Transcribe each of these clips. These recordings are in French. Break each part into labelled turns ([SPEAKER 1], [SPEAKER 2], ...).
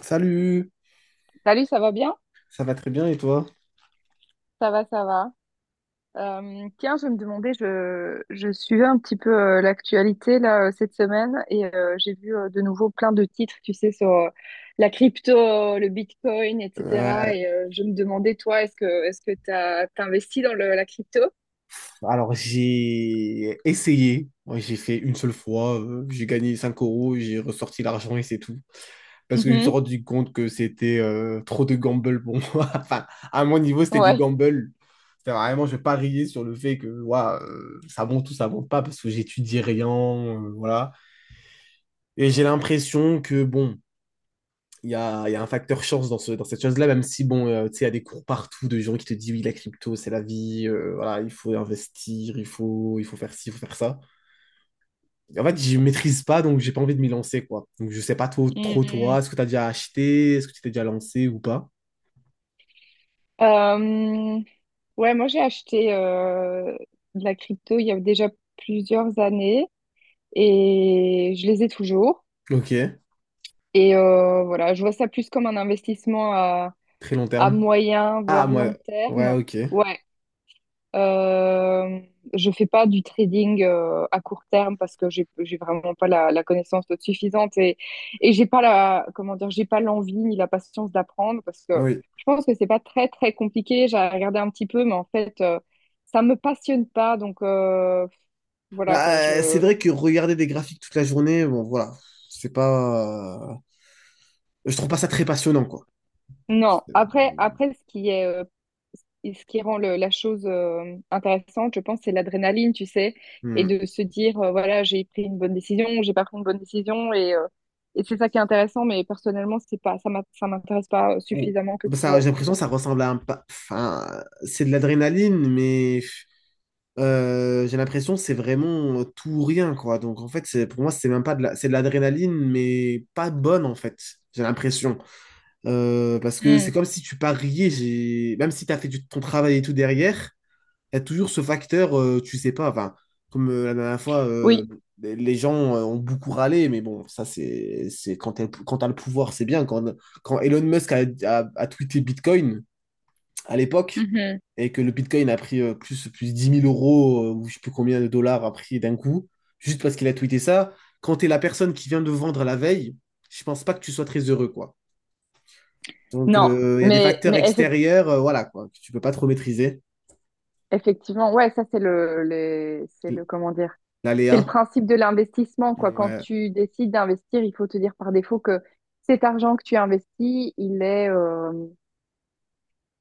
[SPEAKER 1] Salut,
[SPEAKER 2] Salut, ça va bien?
[SPEAKER 1] ça va très bien et toi?
[SPEAKER 2] Ça va, ça va. Tiens, je me demandais, je suivais un petit peu l'actualité là cette semaine et j'ai vu de nouveau plein de titres, tu sais, sur la crypto, le Bitcoin, etc.
[SPEAKER 1] Euh,
[SPEAKER 2] Et je me demandais, toi, est-ce que t'investis dans la crypto?
[SPEAKER 1] alors j'ai essayé. Moi, j'ai fait une seule fois, j'ai gagné 5 euros, j'ai ressorti l'argent et c'est tout. Parce que je me suis
[SPEAKER 2] Mhm.
[SPEAKER 1] rendu compte que c'était trop de gamble pour moi. Enfin, à mon niveau, c'était du
[SPEAKER 2] Ouais.
[SPEAKER 1] gamble. C'était vraiment, je pariais sur le fait que ouah, ça monte ou ça monte pas parce que j'étudie rien, voilà. Et j'ai l'impression que bon, il y a un facteur chance dans, ce, dans cette chose-là, même si, bon, tu sais, il y a des cours partout de gens qui te disent, oui, la crypto, c'est la vie, voilà, il faut investir, il faut faire ci, il faut faire ça. En fait, je maîtrise pas, donc j'ai pas envie de m'y lancer, quoi. Donc, je sais pas trop toi,
[SPEAKER 2] Mhm.
[SPEAKER 1] est-ce que tu as déjà acheté, est-ce que tu t'es déjà lancé ou pas?
[SPEAKER 2] Euh, ouais, moi j'ai acheté de la crypto il y a déjà plusieurs années et je les ai toujours.
[SPEAKER 1] Ok,
[SPEAKER 2] Et voilà, je vois ça plus comme un investissement
[SPEAKER 1] très long
[SPEAKER 2] à
[SPEAKER 1] terme.
[SPEAKER 2] moyen,
[SPEAKER 1] Ah,
[SPEAKER 2] voire
[SPEAKER 1] moi,
[SPEAKER 2] long
[SPEAKER 1] ouais,
[SPEAKER 2] terme.
[SPEAKER 1] ok,
[SPEAKER 2] Ouais, euh, je fais pas du trading à court terme parce que j'ai vraiment pas la connaissance suffisante et j'ai pas la comment dire, j'ai pas l'envie ni la patience d'apprendre parce que
[SPEAKER 1] oui.
[SPEAKER 2] je pense que c'est pas très très compliqué. J'ai regardé un petit peu, mais en fait, ça me passionne pas, donc voilà quoi.
[SPEAKER 1] Bah, c'est
[SPEAKER 2] Je
[SPEAKER 1] vrai que regarder des graphiques toute la journée, bon, voilà, c'est pas... je trouve pas ça très passionnant, quoi.
[SPEAKER 2] non, après, après ce qui est, et ce qui rend la chose intéressante, je pense, c'est l'adrénaline, tu sais, et
[SPEAKER 1] Hmm.
[SPEAKER 2] de se dire, voilà, j'ai pris une bonne décision, j'ai pas pris une bonne décision, et c'est ça qui est intéressant, mais personnellement, c'est pas, ça m'intéresse pas
[SPEAKER 1] Ou-
[SPEAKER 2] suffisamment que
[SPEAKER 1] Bah,
[SPEAKER 2] pour.
[SPEAKER 1] ça, j'ai l'impression que ça ressemble à un... Enfin, c'est de l'adrénaline, mais j'ai l'impression que c'est vraiment tout ou rien, quoi. Donc, en fait, c'est, pour moi, c'est même pas de la... c'est de l'adrénaline, mais pas bonne, en fait. J'ai l'impression. Parce que c'est
[SPEAKER 2] Hmm,
[SPEAKER 1] comme si tu pariais, j'ai... même si tu as fait ton travail et tout derrière, il y a toujours ce facteur, tu sais pas, enfin, comme la dernière fois,
[SPEAKER 2] oui,
[SPEAKER 1] les gens ont beaucoup râlé, mais bon, ça, c'est quand t'as le pouvoir, c'est bien. Quand, quand Elon Musk a tweeté Bitcoin à l'époque,
[SPEAKER 2] mhm.
[SPEAKER 1] et que le Bitcoin a pris euh, plus 10 000 euros, ou je sais plus combien de dollars a pris d'un coup, juste parce qu'il a tweeté ça, quand t'es la personne qui vient de vendre la veille, je pense pas que tu sois très heureux, quoi. Donc,
[SPEAKER 2] Non,
[SPEAKER 1] il y a des facteurs
[SPEAKER 2] mais
[SPEAKER 1] extérieurs, voilà, quoi, que tu peux pas trop maîtriser.
[SPEAKER 2] effectivement, ouais, ça, c'est c'est le, comment dire, c'est le
[SPEAKER 1] L'aléa.
[SPEAKER 2] principe de l'investissement, quoi. Quand
[SPEAKER 1] Ouais,
[SPEAKER 2] tu décides d'investir, il faut te dire par défaut que cet argent que tu investis, il est,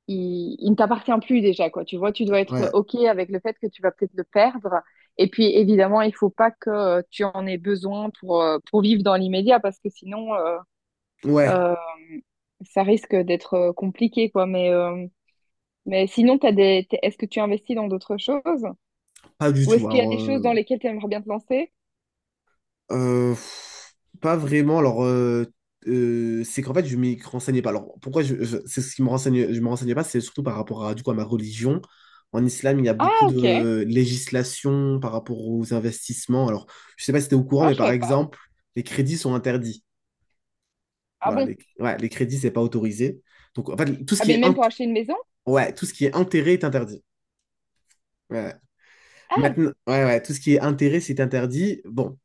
[SPEAKER 2] il ne t'appartient plus déjà, quoi. Tu vois, tu dois être
[SPEAKER 1] ouais.
[SPEAKER 2] OK avec le fait que tu vas peut-être le perdre. Et puis, évidemment, il faut pas que tu en aies besoin pour vivre dans l'immédiat, parce que sinon,
[SPEAKER 1] Ouais,
[SPEAKER 2] euh, ça risque d'être compliqué, quoi. Mais sinon, t'as des... est-ce que tu investis dans d'autres choses?
[SPEAKER 1] pas du
[SPEAKER 2] Ou
[SPEAKER 1] tout.
[SPEAKER 2] est-ce qu'il y a
[SPEAKER 1] Alors,
[SPEAKER 2] des choses dans lesquelles tu aimerais bien te lancer?
[SPEAKER 1] euh, pff, pas vraiment. Alors, c'est qu'en fait, je m'y renseignais pas. Alors, pourquoi c'est ce qui me renseigne, je me renseignais pas, c'est surtout par rapport à, du coup, à ma religion. En islam, il y a beaucoup
[SPEAKER 2] Ah, ok.
[SPEAKER 1] de législation par rapport aux investissements. Alors, je sais pas si tu es au courant,
[SPEAKER 2] Ah,
[SPEAKER 1] mais
[SPEAKER 2] je
[SPEAKER 1] par
[SPEAKER 2] savais pas.
[SPEAKER 1] exemple, les crédits sont interdits.
[SPEAKER 2] Ah
[SPEAKER 1] Voilà,
[SPEAKER 2] bon?
[SPEAKER 1] les, ouais, les crédits, c'est pas autorisé. Donc, en fait, tout ce
[SPEAKER 2] Ah,
[SPEAKER 1] qui
[SPEAKER 2] mais
[SPEAKER 1] est,
[SPEAKER 2] même pour acheter une maison?
[SPEAKER 1] ouais, tout ce qui est intérêt est interdit. Ouais.
[SPEAKER 2] Ah,
[SPEAKER 1] Maintenant, ouais, tout ce qui est intérêt, c'est interdit. Bon,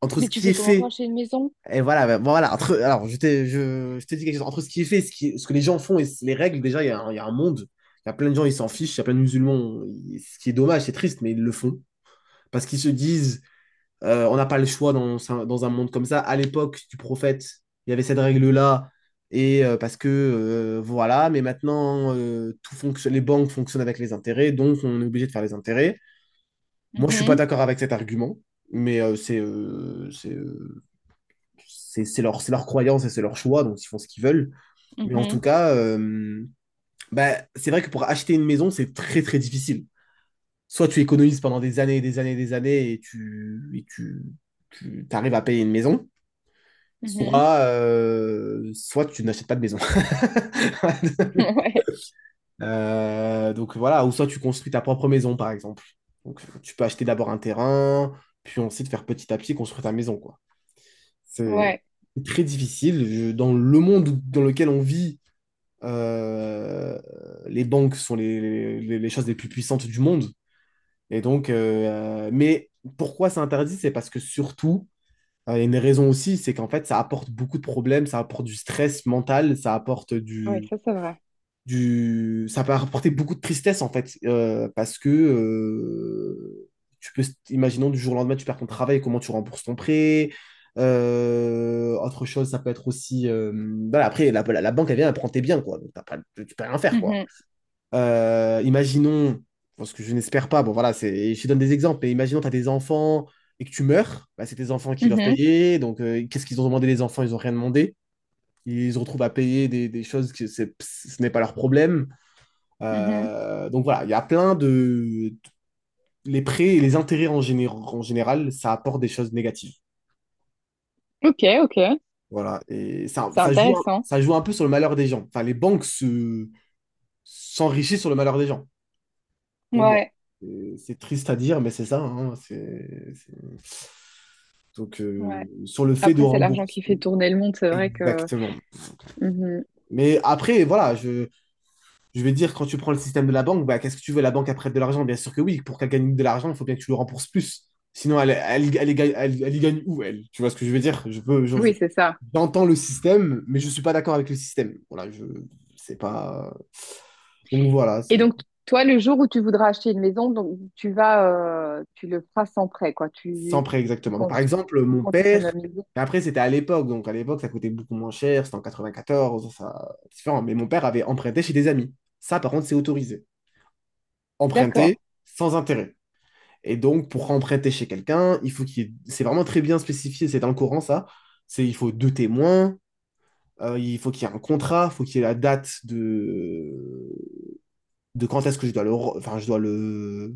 [SPEAKER 1] entre
[SPEAKER 2] mais
[SPEAKER 1] ce
[SPEAKER 2] tu
[SPEAKER 1] qui est
[SPEAKER 2] fais comment pour
[SPEAKER 1] fait.
[SPEAKER 2] acheter une maison?
[SPEAKER 1] Et voilà, bon, voilà, entre, alors je t'ai dit quelque chose. Entre ce qui est fait, ce que les gens font et les règles, déjà, il y a un monde. Il y a plein de gens, ils s'en fichent. Il y a plein de musulmans, ce qui est dommage, c'est triste, mais ils le font. Parce qu'ils se disent, on n'a pas le choix dans, dans un monde comme ça. À l'époque du prophète, il y avait cette règle-là. Et parce que, voilà, mais maintenant, tout fonctionne, les banques fonctionnent avec les intérêts, donc on est obligé de faire les intérêts. Moi, je suis pas
[SPEAKER 2] Mhm,
[SPEAKER 1] d'accord avec cet argument, mais c'est leur croyance et c'est leur choix, donc ils font ce qu'ils veulent. Mais en
[SPEAKER 2] mhm,
[SPEAKER 1] tout cas, bah, c'est vrai que pour acheter une maison, c'est très très difficile. Soit tu économises pendant des années et des années et des années et tu arrives à payer une maison,
[SPEAKER 2] mhm.
[SPEAKER 1] soit tu n'achètes pas de maison.
[SPEAKER 2] Ouais,
[SPEAKER 1] Donc voilà, ou soit tu construis ta propre maison, par exemple. Donc tu peux acheter d'abord un terrain, puis ensuite faire petit à petit construire ta maison, quoi. C'est
[SPEAKER 2] ouais,
[SPEAKER 1] très difficile. Dans le monde dans lequel on vit, Euh, les banques sont les choses les plus puissantes du monde. Et donc, mais pourquoi c'est interdit? C'est parce que surtout, il y a une raison aussi, c'est qu'en fait, ça apporte beaucoup de problèmes, ça apporte du stress mental,
[SPEAKER 2] ouais, ça c'est vrai.
[SPEAKER 1] ça peut apporter beaucoup de tristesse en fait, parce que tu peux, imaginons du jour au lendemain, tu perds ton travail, comment tu rembourses ton prêt. Autre chose, ça peut être aussi, voilà, après la banque elle vient, elle prend tes biens quoi, donc t'as pas- tu peux rien faire quoi.
[SPEAKER 2] Mhm,
[SPEAKER 1] Imaginons, parce que je n'espère pas, bon voilà, c'est, je te donne des exemples, mais imaginons tu as des enfants et que tu meurs, bah, c'est tes enfants qui doivent
[SPEAKER 2] mhm,
[SPEAKER 1] payer, donc qu'est-ce qu'ils ont demandé les enfants? Ils n'ont rien demandé. Ils se retrouvent à payer des choses que ce n'est pas leur problème.
[SPEAKER 2] mhm.
[SPEAKER 1] Donc voilà, il y a plein de... Les prêts et les intérêts en général, ça apporte des choses négatives.
[SPEAKER 2] Ok, ok,
[SPEAKER 1] Voilà, et ça,
[SPEAKER 2] c'est intéressant.
[SPEAKER 1] ça joue un peu sur le malheur des gens. Enfin, s'enrichissent sur le malheur des gens. Pour moi.
[SPEAKER 2] Ouais,
[SPEAKER 1] Et c'est triste à dire, mais c'est ça, hein, donc,
[SPEAKER 2] ouais.
[SPEAKER 1] sur le fait de
[SPEAKER 2] Après, c'est l'argent qui fait
[SPEAKER 1] rembourser,
[SPEAKER 2] tourner le monde, c'est vrai que.
[SPEAKER 1] exactement.
[SPEAKER 2] Mhm.
[SPEAKER 1] Mais après, voilà, je vais dire, quand tu prends le système de la banque, bah, qu'est-ce que tu veux? La banque, elle prête de l'argent? Bien sûr que oui. Pour qu'elle gagne de l'argent, il faut bien que tu le rembourses plus. Sinon, elle, y gagne elle y gagne où, elle? Tu vois ce que je veux dire? Je peux, je-
[SPEAKER 2] Oui, c'est ça.
[SPEAKER 1] J'entends le système, mais je suis pas d'accord avec le système. Voilà, je, c'est pas. Donc voilà,
[SPEAKER 2] Et
[SPEAKER 1] c'est.
[SPEAKER 2] donc, toi, le jour où tu voudras acheter une maison, donc tu vas, tu le feras sans prêt, quoi.
[SPEAKER 1] Sans
[SPEAKER 2] Tu,
[SPEAKER 1] prêt,
[SPEAKER 2] tu
[SPEAKER 1] exactement. Donc, par
[SPEAKER 2] comptes,
[SPEAKER 1] exemple,
[SPEAKER 2] tu
[SPEAKER 1] mon
[SPEAKER 2] comptes
[SPEAKER 1] père,
[SPEAKER 2] économiser.
[SPEAKER 1] mais après, c'était à l'époque, donc à l'époque, ça coûtait beaucoup moins cher, c'était en 94, ça, c'est différent. Mais mon père avait emprunté chez des amis. Ça, par contre, c'est autorisé.
[SPEAKER 2] D'accord,
[SPEAKER 1] Emprunter sans intérêt. Et donc, pour emprunter chez quelqu'un, il faut qu'il y ait- c'est vraiment très bien spécifié, c'est dans le Coran, ça. C'est, il faut deux témoins, il faut qu'il y ait un contrat, il faut qu'il y ait la date de quand est-ce que je dois le... Enfin, je dois le...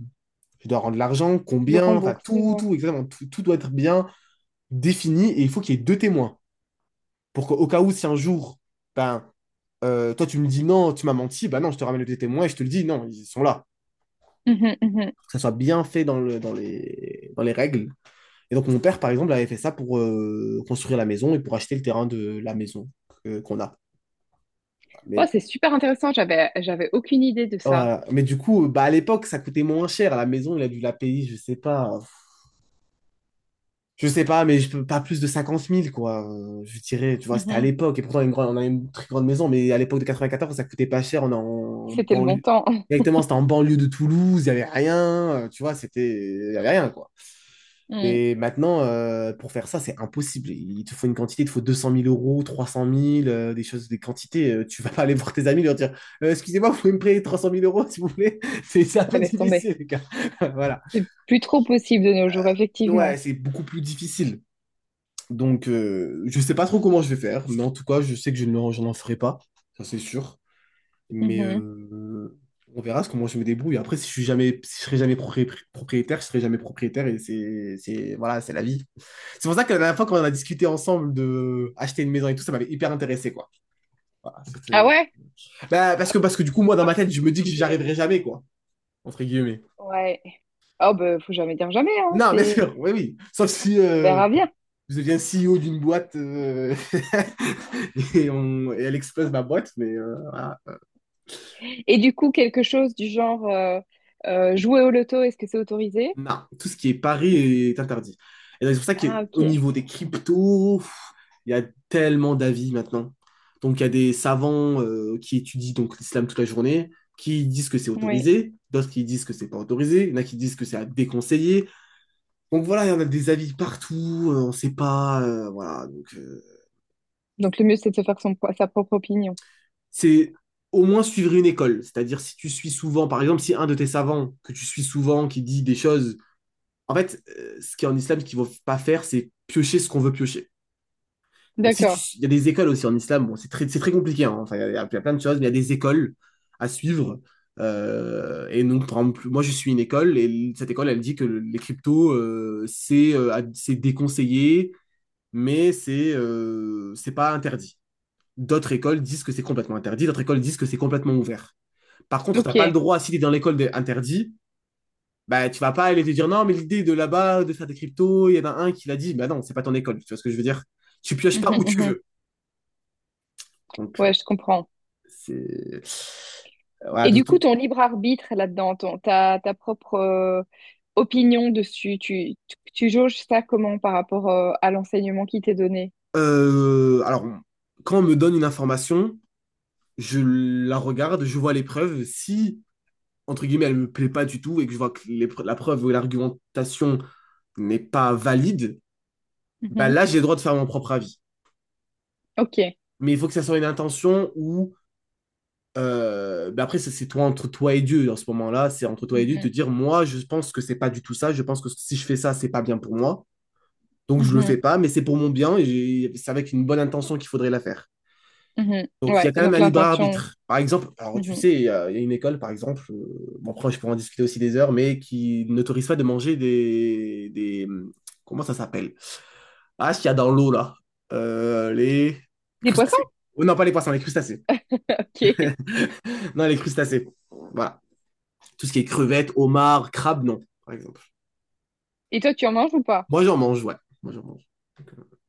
[SPEAKER 1] Je dois rendre l'argent,
[SPEAKER 2] le
[SPEAKER 1] combien, enfin,
[SPEAKER 2] rembourser, ouais.
[SPEAKER 1] exactement, tout doit être bien défini et il faut qu'il y ait deux témoins. Pour qu'au cas où, si un jour, ben, toi, tu me dis non, tu m'as menti, ben non, je te ramène les deux témoins et je te le dis, non, ils sont là.
[SPEAKER 2] Mhm, mhm.
[SPEAKER 1] Que ça soit bien fait dans les règles. Et donc, mon père, par exemple, avait fait ça pour construire la maison et pour acheter le terrain de la maison qu'on a. Mais,
[SPEAKER 2] Ouais, c'est super intéressant. J'avais aucune idée de ça.
[SPEAKER 1] voilà. Mais du coup, bah, à l'époque, ça coûtait moins cher. À la maison, il a dû la payer, je sais pas, mais je peux pas plus de 50 000 quoi. Je dirais, tu vois, c'était à
[SPEAKER 2] Mhm.
[SPEAKER 1] l'époque. Et pourtant, on a une très grande maison, mais à l'époque de 94, ça coûtait pas cher. On est en
[SPEAKER 2] C'était le bon
[SPEAKER 1] banlieue.
[SPEAKER 2] temps.
[SPEAKER 1] Directement, c'était en banlieue de Toulouse, il y avait rien. Tu vois, c'était. Il y avait rien, quoi.
[SPEAKER 2] Mm.
[SPEAKER 1] Et maintenant, pour faire ça, c'est impossible. Il te faut une quantité, il te faut 200 000 euros, 300 000, des choses, des quantités. Tu vas pas aller voir tes amis et leur dire Excusez-moi, vous pouvez me prêter 300 000 euros, s'il vous plaît? C'est un peu
[SPEAKER 2] Ouais, laisse tomber.
[SPEAKER 1] difficile, les gars. Voilà.
[SPEAKER 2] C'est plus trop possible de nos jours,
[SPEAKER 1] Ouais,
[SPEAKER 2] effectivement.
[SPEAKER 1] c'est beaucoup plus difficile. Donc, je sais pas trop comment je vais faire, mais en tout cas, je sais que je n'en ferai pas, ça c'est sûr. Mais
[SPEAKER 2] Mhm.
[SPEAKER 1] on verra comment je me débrouille. Après, si je suis jamais, si je serai jamais propriétaire, je serai jamais propriétaire et c'est, voilà, c'est la vie. C'est pour ça que la dernière fois, quand on a discuté ensemble de acheter une maison et tout, ça m'avait hyper intéressé, quoi. Voilà,
[SPEAKER 2] Ah ouais?
[SPEAKER 1] bah,
[SPEAKER 2] Ah, mais
[SPEAKER 1] parce que du coup, moi, dans
[SPEAKER 2] moi,
[SPEAKER 1] ma
[SPEAKER 2] je me
[SPEAKER 1] tête,
[SPEAKER 2] suis
[SPEAKER 1] je me dis que
[SPEAKER 2] dit
[SPEAKER 1] j'y
[SPEAKER 2] des lacs.
[SPEAKER 1] arriverai jamais, quoi, entre guillemets.
[SPEAKER 2] Ouais. Oh, bah, faut jamais dire jamais, hein.
[SPEAKER 1] Non, bien
[SPEAKER 2] C'est,
[SPEAKER 1] sûr, oui, oui. Sauf si
[SPEAKER 2] on verra bien.
[SPEAKER 1] je deviens CEO d'une boîte et, et elle explose ma boîte, mais voilà.
[SPEAKER 2] Et du coup, quelque chose du genre, jouer au loto, est-ce que c'est autorisé?
[SPEAKER 1] Non, tout ce qui est pari est interdit. Et donc, c'est pour ça
[SPEAKER 2] Ah,
[SPEAKER 1] qu'au
[SPEAKER 2] ok.
[SPEAKER 1] niveau des cryptos, pff, il y a tellement d'avis maintenant. Donc, il y a des savants qui étudient donc l'islam toute la journée, qui disent que c'est
[SPEAKER 2] Oui.
[SPEAKER 1] autorisé, d'autres qui disent que c'est pas autorisé, il y en a qui disent que c'est à déconseiller. Donc voilà, il y en a des avis partout, on sait pas, voilà. Donc,
[SPEAKER 2] Donc, le mieux, c'est de se faire sa propre opinion.
[SPEAKER 1] c'est au moins suivre une école. C'est-à-dire, si tu suis souvent, par exemple, si un de tes savants que tu suis souvent qui dit des choses. En fait, ce qui est en islam, ce qu'il ne faut pas faire, c'est piocher ce qu'on veut piocher. Bon, si tu...
[SPEAKER 2] D'accord.
[SPEAKER 1] Il y a des écoles aussi en islam, bon, c'est très compliqué, hein. Enfin, y a plein de choses, mais il y a des écoles à suivre. Et donc, par exemple, moi, je suis une école et cette école, elle dit que les cryptos, c'est déconseillé, mais c'est pas interdit. D'autres écoles disent que c'est complètement interdit, d'autres écoles disent que c'est complètement ouvert. Par contre, tu n'as pas le
[SPEAKER 2] Ok.
[SPEAKER 1] droit, si tu es dans l'école interdite. Bah, tu ne vas pas aller te dire non, mais l'idée de là-bas, de faire des cryptos, il y en a un qui l'a dit, bah non, c'est pas ton école, tu vois ce que je veux dire? Tu pioches
[SPEAKER 2] Mhm,
[SPEAKER 1] pas où tu
[SPEAKER 2] mhm.
[SPEAKER 1] veux. Donc,
[SPEAKER 2] Ouais, je comprends.
[SPEAKER 1] c'est. euh, Voilà,
[SPEAKER 2] Et
[SPEAKER 1] de
[SPEAKER 2] du coup,
[SPEAKER 1] tout.
[SPEAKER 2] ton libre arbitre là-dedans, ta propre opinion dessus, tu jauges ça comment par rapport à l'enseignement qui t'est donné?
[SPEAKER 1] Alors, quand on me donne une information, je la regarde, je vois les preuves. Si, entre guillemets, elle me plaît pas du tout et que je vois que la preuve ou l'argumentation n'est pas valide, bah
[SPEAKER 2] Mhm.
[SPEAKER 1] là, j'ai le droit de faire mon propre avis.
[SPEAKER 2] Ok.
[SPEAKER 1] Mais il faut que ça soit une intention où ben après, ça, c'est toi entre toi et Dieu dans ce moment-là. C'est entre toi et Dieu te
[SPEAKER 2] Mhm.
[SPEAKER 1] dire, moi, je pense que c'est pas du tout ça. Je pense que si je fais ça, c'est pas bien pour moi. Donc, je le
[SPEAKER 2] Mhm.
[SPEAKER 1] fais pas, mais c'est pour mon bien et c'est avec une bonne intention qu'il faudrait la faire.
[SPEAKER 2] Mhm.
[SPEAKER 1] Donc, il y a
[SPEAKER 2] Ouais,
[SPEAKER 1] quand même
[SPEAKER 2] donc
[SPEAKER 1] un libre
[SPEAKER 2] l'intention.
[SPEAKER 1] arbitre. Par exemple, alors tu
[SPEAKER 2] Mhm.
[SPEAKER 1] sais, il y a une école, par exemple, bon, après, je pourrais en discuter aussi des heures, mais qui n'autorise pas de manger des. Comment ça s'appelle? Ah, ce qu'il y a dans l'eau, là. Les
[SPEAKER 2] Des poissons?
[SPEAKER 1] crustacés. Oh, non, pas les poissons, les crustacés.
[SPEAKER 2] Ok.
[SPEAKER 1] Non, les crustacés. Voilà. Tout ce qui est crevettes, homards, crabes, non, par exemple.
[SPEAKER 2] Et toi, tu en manges ou pas?
[SPEAKER 1] Moi, j'en mange, ouais. Moi, j'en mange.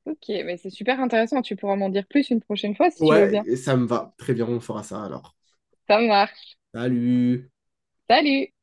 [SPEAKER 2] Ok, mais c'est super intéressant. Tu pourras m'en dire plus une prochaine fois si tu veux bien.
[SPEAKER 1] Ouais, ça me va. Très bien, on fera ça alors.
[SPEAKER 2] Ça marche.
[SPEAKER 1] Salut!
[SPEAKER 2] Salut!